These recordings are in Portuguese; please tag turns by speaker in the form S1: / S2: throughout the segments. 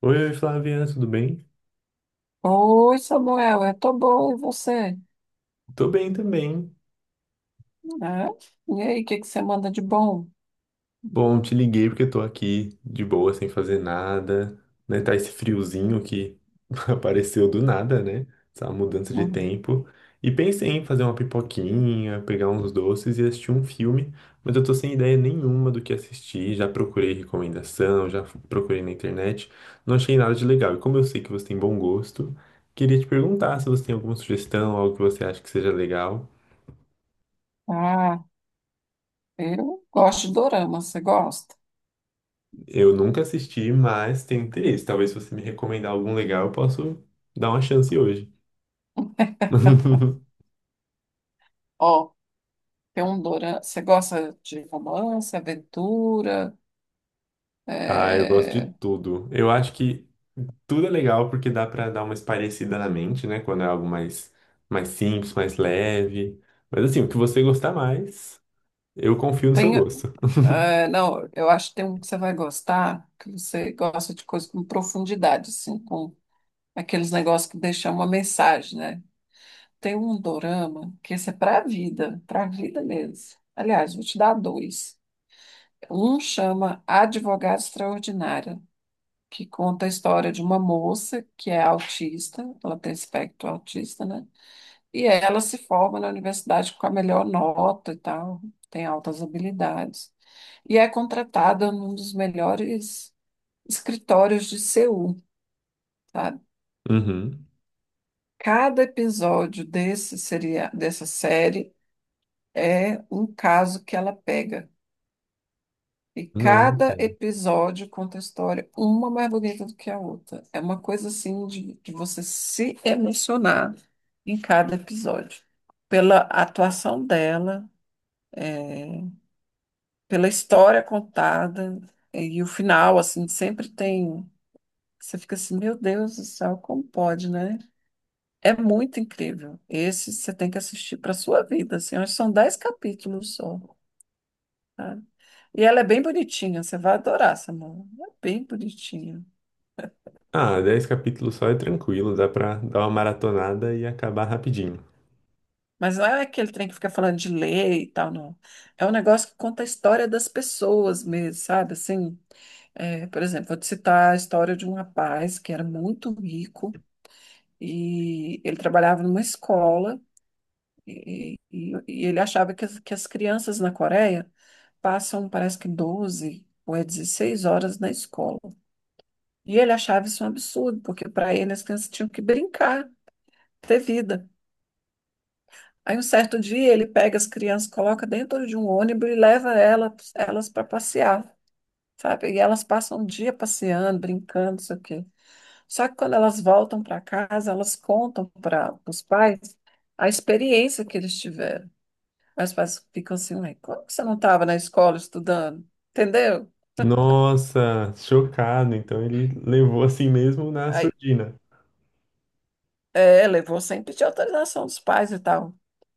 S1: Oi, oi, Flávia, tudo bem?
S2: Oi, Samuel, eu tô bom, e você?
S1: Tô bem também.
S2: É? E aí, o que que você manda de bom?
S1: Bom, te liguei porque tô aqui de boa, sem fazer nada, né? Tá esse friozinho que apareceu do nada, né? Essa mudança de
S2: Uhum.
S1: tempo. E pensei em fazer uma pipoquinha, pegar uns doces e assistir um filme, mas eu tô sem ideia nenhuma do que assistir. Já procurei recomendação, procurei na internet, não achei nada de legal. E como eu sei que você tem bom gosto, queria te perguntar se você tem alguma sugestão, algo que você acha que seja legal.
S2: Ah, eu gosto de dorama, você gosta?
S1: Eu nunca assisti, mas tenho interesse. Talvez se você me recomendar algum legal, eu posso dar uma chance hoje.
S2: Ó, tem um dorama, você gosta de romance, aventura?
S1: Ah, eu gosto de
S2: É.
S1: tudo. Eu acho que tudo é legal porque dá pra dar uma espairecida na mente, né? Quando é algo mais, simples, mais leve. Mas assim, o que você gostar mais, eu confio no seu
S2: Tem,
S1: gosto.
S2: não, eu acho que tem um que você vai gostar, que você gosta de coisas com profundidade, assim, com aqueles negócios que deixam uma mensagem, né? Tem um dorama que esse é pra vida mesmo. Aliás, vou te dar dois. Um chama Advogada Extraordinária, que conta a história de uma moça que é autista, ela tem espectro autista, né? E ela se forma na universidade com a melhor nota e tal, tem altas habilidades. E é contratada num dos melhores escritórios de Seul, sabe?
S1: Uhum.
S2: Cada episódio desse seria, dessa série é um caso que ela pega. E
S1: Nossa.
S2: cada episódio conta a história, uma mais bonita do que a outra. É uma coisa assim de você se emocionar em cada episódio. Pela atuação dela, é, pela história contada, e o final, assim, sempre tem. Você fica assim, meu Deus do céu, como pode, né? É muito incrível. Esse você tem que assistir para sua vida, assim. Acho que são 10 capítulos só, tá? E ela é bem bonitinha, você vai adorar, Samara. É bem bonitinha.
S1: Ah, 10 capítulos só é tranquilo, dá pra dar uma maratonada e acabar rapidinho.
S2: Mas não é aquele trem que fica falando de lei e tal, não. É um negócio que conta a história das pessoas mesmo, sabe? Assim, é, por exemplo, vou te citar a história de um rapaz que era muito rico e ele trabalhava numa escola e ele achava que que as crianças na Coreia passam, parece que 12 ou é 16 horas na escola. E ele achava isso um absurdo, porque para ele as crianças tinham que brincar, ter vida. Aí um certo dia ele pega as crianças, coloca dentro de um ônibus e leva elas para passear, sabe? E elas passam o dia passeando, brincando, isso aqui. Só que quando elas voltam para casa, elas contam para os pais a experiência que eles tiveram. Aí os pais ficam assim: "Ué, como que você não estava na escola estudando? Entendeu?"
S1: Nossa, chocado. Então ele levou assim mesmo na surdina.
S2: É, levou sem pedir autorização dos pais e tal.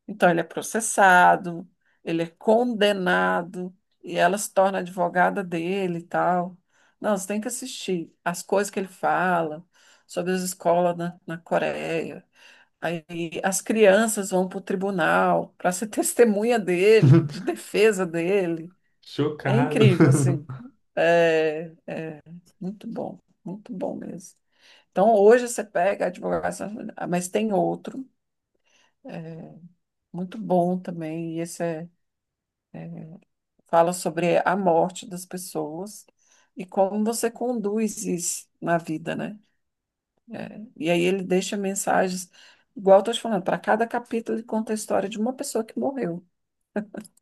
S2: Então, ele é processado, ele é condenado, e ela se torna advogada dele e tal. Não, você tem que assistir as coisas que ele fala sobre as escolas na Coreia. Aí as crianças vão para o tribunal para ser testemunha dele, de defesa dele. É
S1: Chocado.
S2: incrível, assim. É muito bom, muito bom mesmo. Então, hoje você pega a advogação, mas tem outro. Muito bom também. E esse é, fala sobre a morte das pessoas e como você conduz isso na vida, né? E aí ele deixa mensagens, igual eu estou te falando, para cada capítulo ele conta a história de uma pessoa que morreu.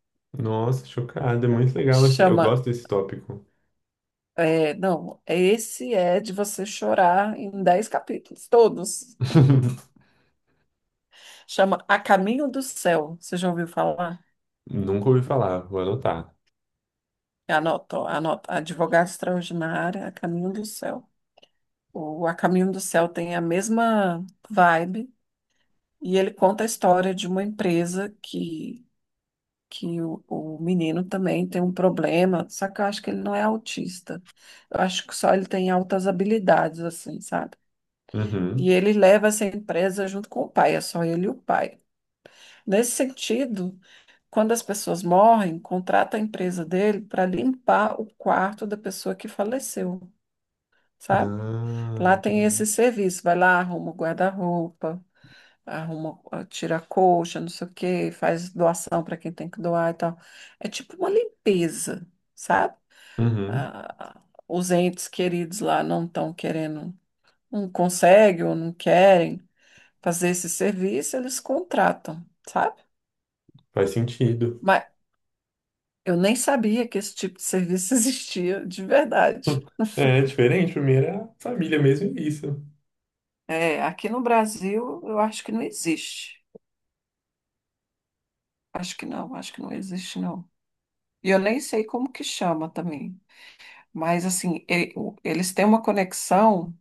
S1: Nossa, chocado. É muito legal esse. Eu
S2: Chama,
S1: gosto desse tópico.
S2: não, esse é de você chorar em 10 capítulos, todos. Chama A Caminho do Céu. Você já ouviu falar?
S1: Nunca ouvi falar. Vou anotar.
S2: Anota, ó, anota, Advogada Extraordinária, A Caminho do Céu. O A Caminho do Céu tem a mesma vibe e ele conta a história de uma empresa que o menino também tem um problema, só que eu acho que ele não é autista. Eu acho que só ele tem altas habilidades, assim, sabe? E
S1: Uhum.
S2: ele leva essa empresa junto com o pai, é só ele e o pai. Nesse sentido, quando as pessoas morrem, contrata a empresa dele para limpar o quarto da pessoa que faleceu, sabe?
S1: Ah,
S2: Lá tem esse
S1: entendi.
S2: serviço, vai lá, arruma o guarda-roupa, arruma, ah, tira a colcha, não sei o quê, faz doação para quem tem que doar e tal. É tipo uma limpeza, sabe?
S1: Uhum.
S2: Ah, os entes queridos lá não estão querendo, não conseguem ou não querem fazer esse serviço, eles contratam, sabe?
S1: Faz sentido.
S2: Mas eu nem sabia que esse tipo de serviço existia, de verdade.
S1: É diferente. Pra mim era família mesmo e isso.
S2: É, aqui no Brasil, eu acho que não existe. Acho que não existe, não. E eu nem sei como que chama também. Mas assim, eles têm uma conexão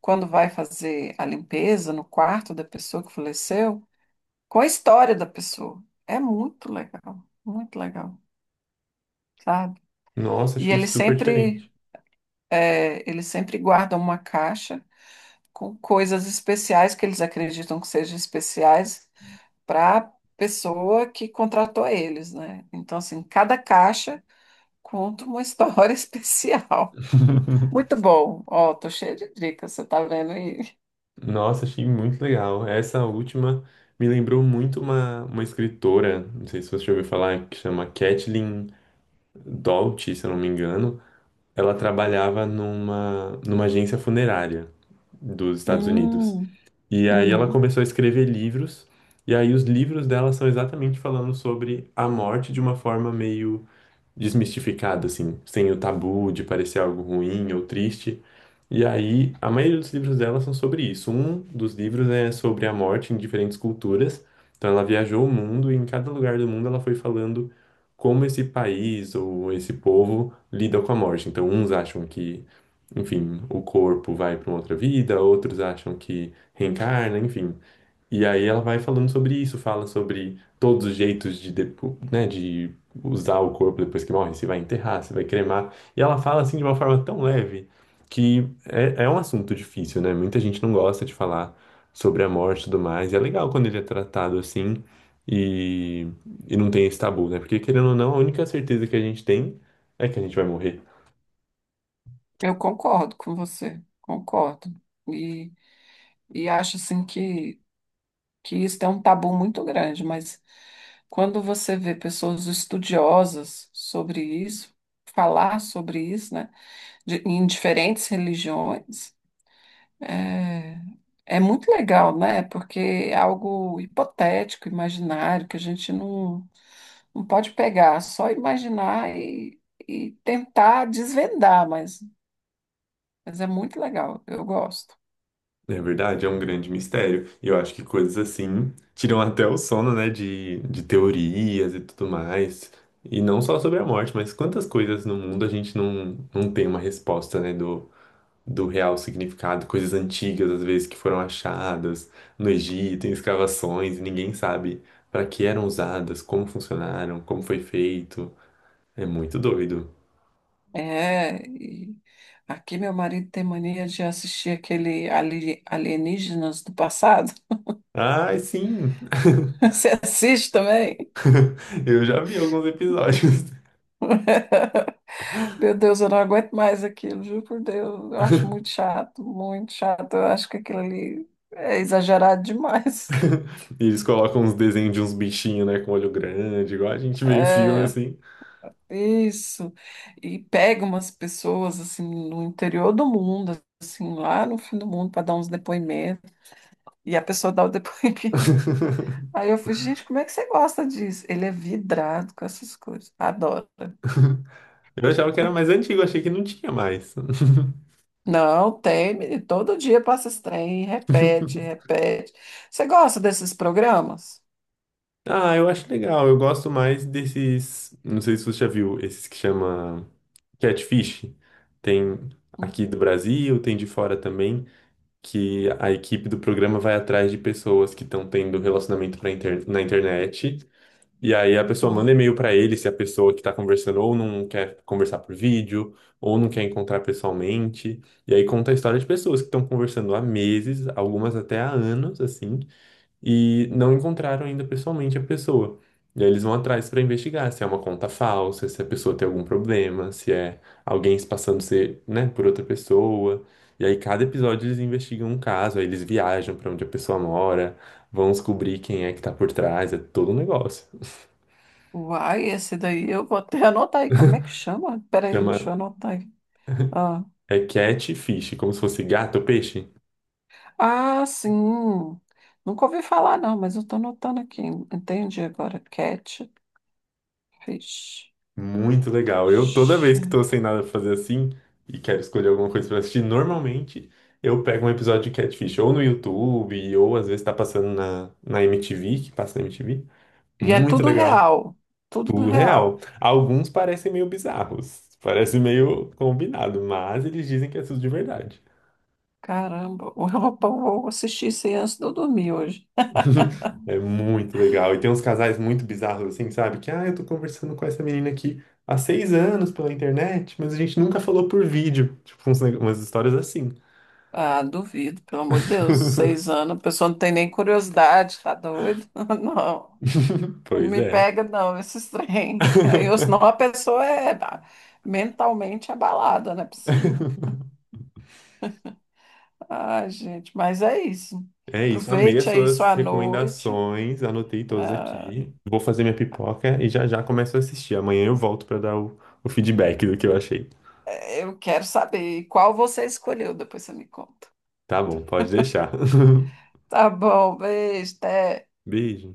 S2: quando vai fazer a limpeza no quarto da pessoa que faleceu com a história da pessoa. É muito legal, sabe?
S1: Nossa,
S2: E
S1: achei
S2: eles
S1: super
S2: sempre,
S1: diferente.
S2: eles sempre guardam uma caixa com coisas especiais que eles acreditam que sejam especiais para a pessoa que contratou eles, né? Então, assim, cada caixa conta uma história especial. Muito bom. Ó, tô cheia de dicas, você tá vendo isso?
S1: Nossa, achei muito legal. Essa última me lembrou muito uma escritora, não sei se você já ouviu falar, que chama Kathleen Doughty, se eu não me engano. Ela trabalhava numa agência funerária dos Estados Unidos.
S2: Hum,
S1: E aí ela
S2: uhum.
S1: começou a escrever livros, e aí os livros dela são exatamente falando sobre a morte de uma forma meio desmistificado, assim, sem o tabu de parecer algo ruim ou triste. E aí, a maioria dos livros dela são sobre isso. Um dos livros é sobre a morte em diferentes culturas. Então, ela viajou o mundo e em cada lugar do mundo ela foi falando como esse país ou esse povo lida com a morte. Então, uns acham que, enfim, o corpo vai para uma outra vida, outros acham que reencarna, enfim. E aí ela vai falando sobre isso, fala sobre todos os jeitos de, né, de usar o corpo depois que morre, se vai enterrar, se vai cremar. E ela fala assim de uma forma tão leve que é um assunto difícil, né? Muita gente não gosta de falar sobre a morte e tudo mais. E é legal quando ele é tratado assim e, não tem esse tabu, né? Porque querendo ou não, a única certeza que a gente tem é que a gente vai morrer.
S2: Eu concordo com você, concordo. E, e acho assim que isso é um tabu muito grande, mas quando você vê pessoas estudiosas sobre isso, falar sobre isso, né, em diferentes religiões, é, é muito legal, né? Porque é algo hipotético, imaginário, que a gente não, não pode pegar, só imaginar e tentar desvendar, mas. Mas é muito legal, eu gosto.
S1: É verdade, é um grande mistério. E eu acho que coisas assim tiram até o sono, né, de teorias e tudo mais. E não só sobre a morte, mas quantas coisas no mundo a gente não tem uma resposta, né, do real significado. Coisas antigas, às vezes, que foram achadas no Egito, em escavações, e ninguém sabe para que eram usadas, como funcionaram, como foi feito. É muito doido.
S2: É, e aqui meu marido tem mania de assistir Alienígenas do Passado.
S1: Ai, sim!
S2: Você assiste também?
S1: Eu já vi alguns episódios.
S2: Meu Deus, eu não aguento mais aquilo, juro por Deus. Eu acho muito chato, muito chato. Eu acho que aquilo ali é exagerado demais.
S1: E eles colocam uns desenhos de uns bichinhos, né, com olho grande, igual a gente vê em filme,
S2: É,
S1: assim.
S2: isso. E pega umas pessoas assim no interior do mundo, assim, lá no fim do mundo, para dar uns depoimentos. E a pessoa dá o depoimento. Aí eu falei, gente, como é que você gosta disso? Ele é vidrado com essas coisas, adora.
S1: Eu achava que era mais antigo, achei que não tinha mais.
S2: Não, tem, menino, todo dia passa esse trem, repete, repete. Você gosta desses programas?
S1: Ah, eu acho legal, eu gosto mais desses, não sei se você já viu, esses que chama Catfish. Tem aqui do Brasil, tem de fora também, que a equipe do programa vai atrás de pessoas que estão tendo relacionamento na internet. E aí a pessoa manda
S2: Uhum.
S1: e-mail para ele se a pessoa que está conversando ou não quer conversar por vídeo, ou não quer encontrar pessoalmente. E aí conta a história de pessoas que estão conversando há meses, algumas até há anos, assim, e não encontraram ainda pessoalmente a pessoa. E aí eles vão atrás para investigar se é uma conta falsa, se a pessoa tem algum problema, se é alguém se passando ser, né, por outra pessoa. E aí cada episódio eles investigam um caso, aí eles viajam para onde a pessoa mora, vão descobrir quem é que está por trás, é todo um negócio.
S2: Uai, esse daí eu vou até anotar aí. Como é que chama? Peraí,
S1: Chama
S2: deixa eu anotar aí. Ah,
S1: é catfish, como se fosse gato ou peixe.
S2: ah, sim. Nunca ouvi falar, não, mas eu tô anotando aqui. Entendi agora. Catfish.
S1: Muito legal. Eu toda vez que tô sem nada pra fazer assim e quero escolher alguma coisa pra assistir, normalmente eu pego um episódio de catfish ou no YouTube ou às vezes tá passando na MTV, que passa na MTV.
S2: E é
S1: Muito
S2: tudo
S1: legal.
S2: real. Tudo
S1: Tudo real.
S2: real.
S1: Alguns parecem meio bizarros, parece meio combinado, mas eles dizem que é tudo de verdade.
S2: Caramba, o Europão, vou assistir isso aí antes de eu dormir hoje.
S1: É muito legal. E tem uns casais muito bizarros, assim, sabe? Que, ah, eu tô conversando com essa menina aqui há 6 anos pela internet, mas a gente nunca falou por vídeo. Tipo, uns neg- umas histórias assim.
S2: Ah, duvido, pelo amor de Deus, 6 anos, a pessoa não tem nem curiosidade, tá doido? Não, não
S1: Pois
S2: me
S1: é.
S2: pega não, esses trem. Aí, ou senão a pessoa é, ah, mentalmente abalada, não é possível. Ai, gente, mas é isso.
S1: É isso. Amei
S2: Aproveite
S1: as
S2: aí
S1: suas
S2: sua noite.
S1: recomendações. Anotei todas
S2: Ah,
S1: aqui. Vou fazer minha pipoca e já já começo a assistir. Amanhã eu volto pra dar o feedback do que eu achei.
S2: eu quero saber qual você escolheu, depois você me conta.
S1: Tá bom, pode deixar.
S2: Tá bom, beijo, até.
S1: Beijo.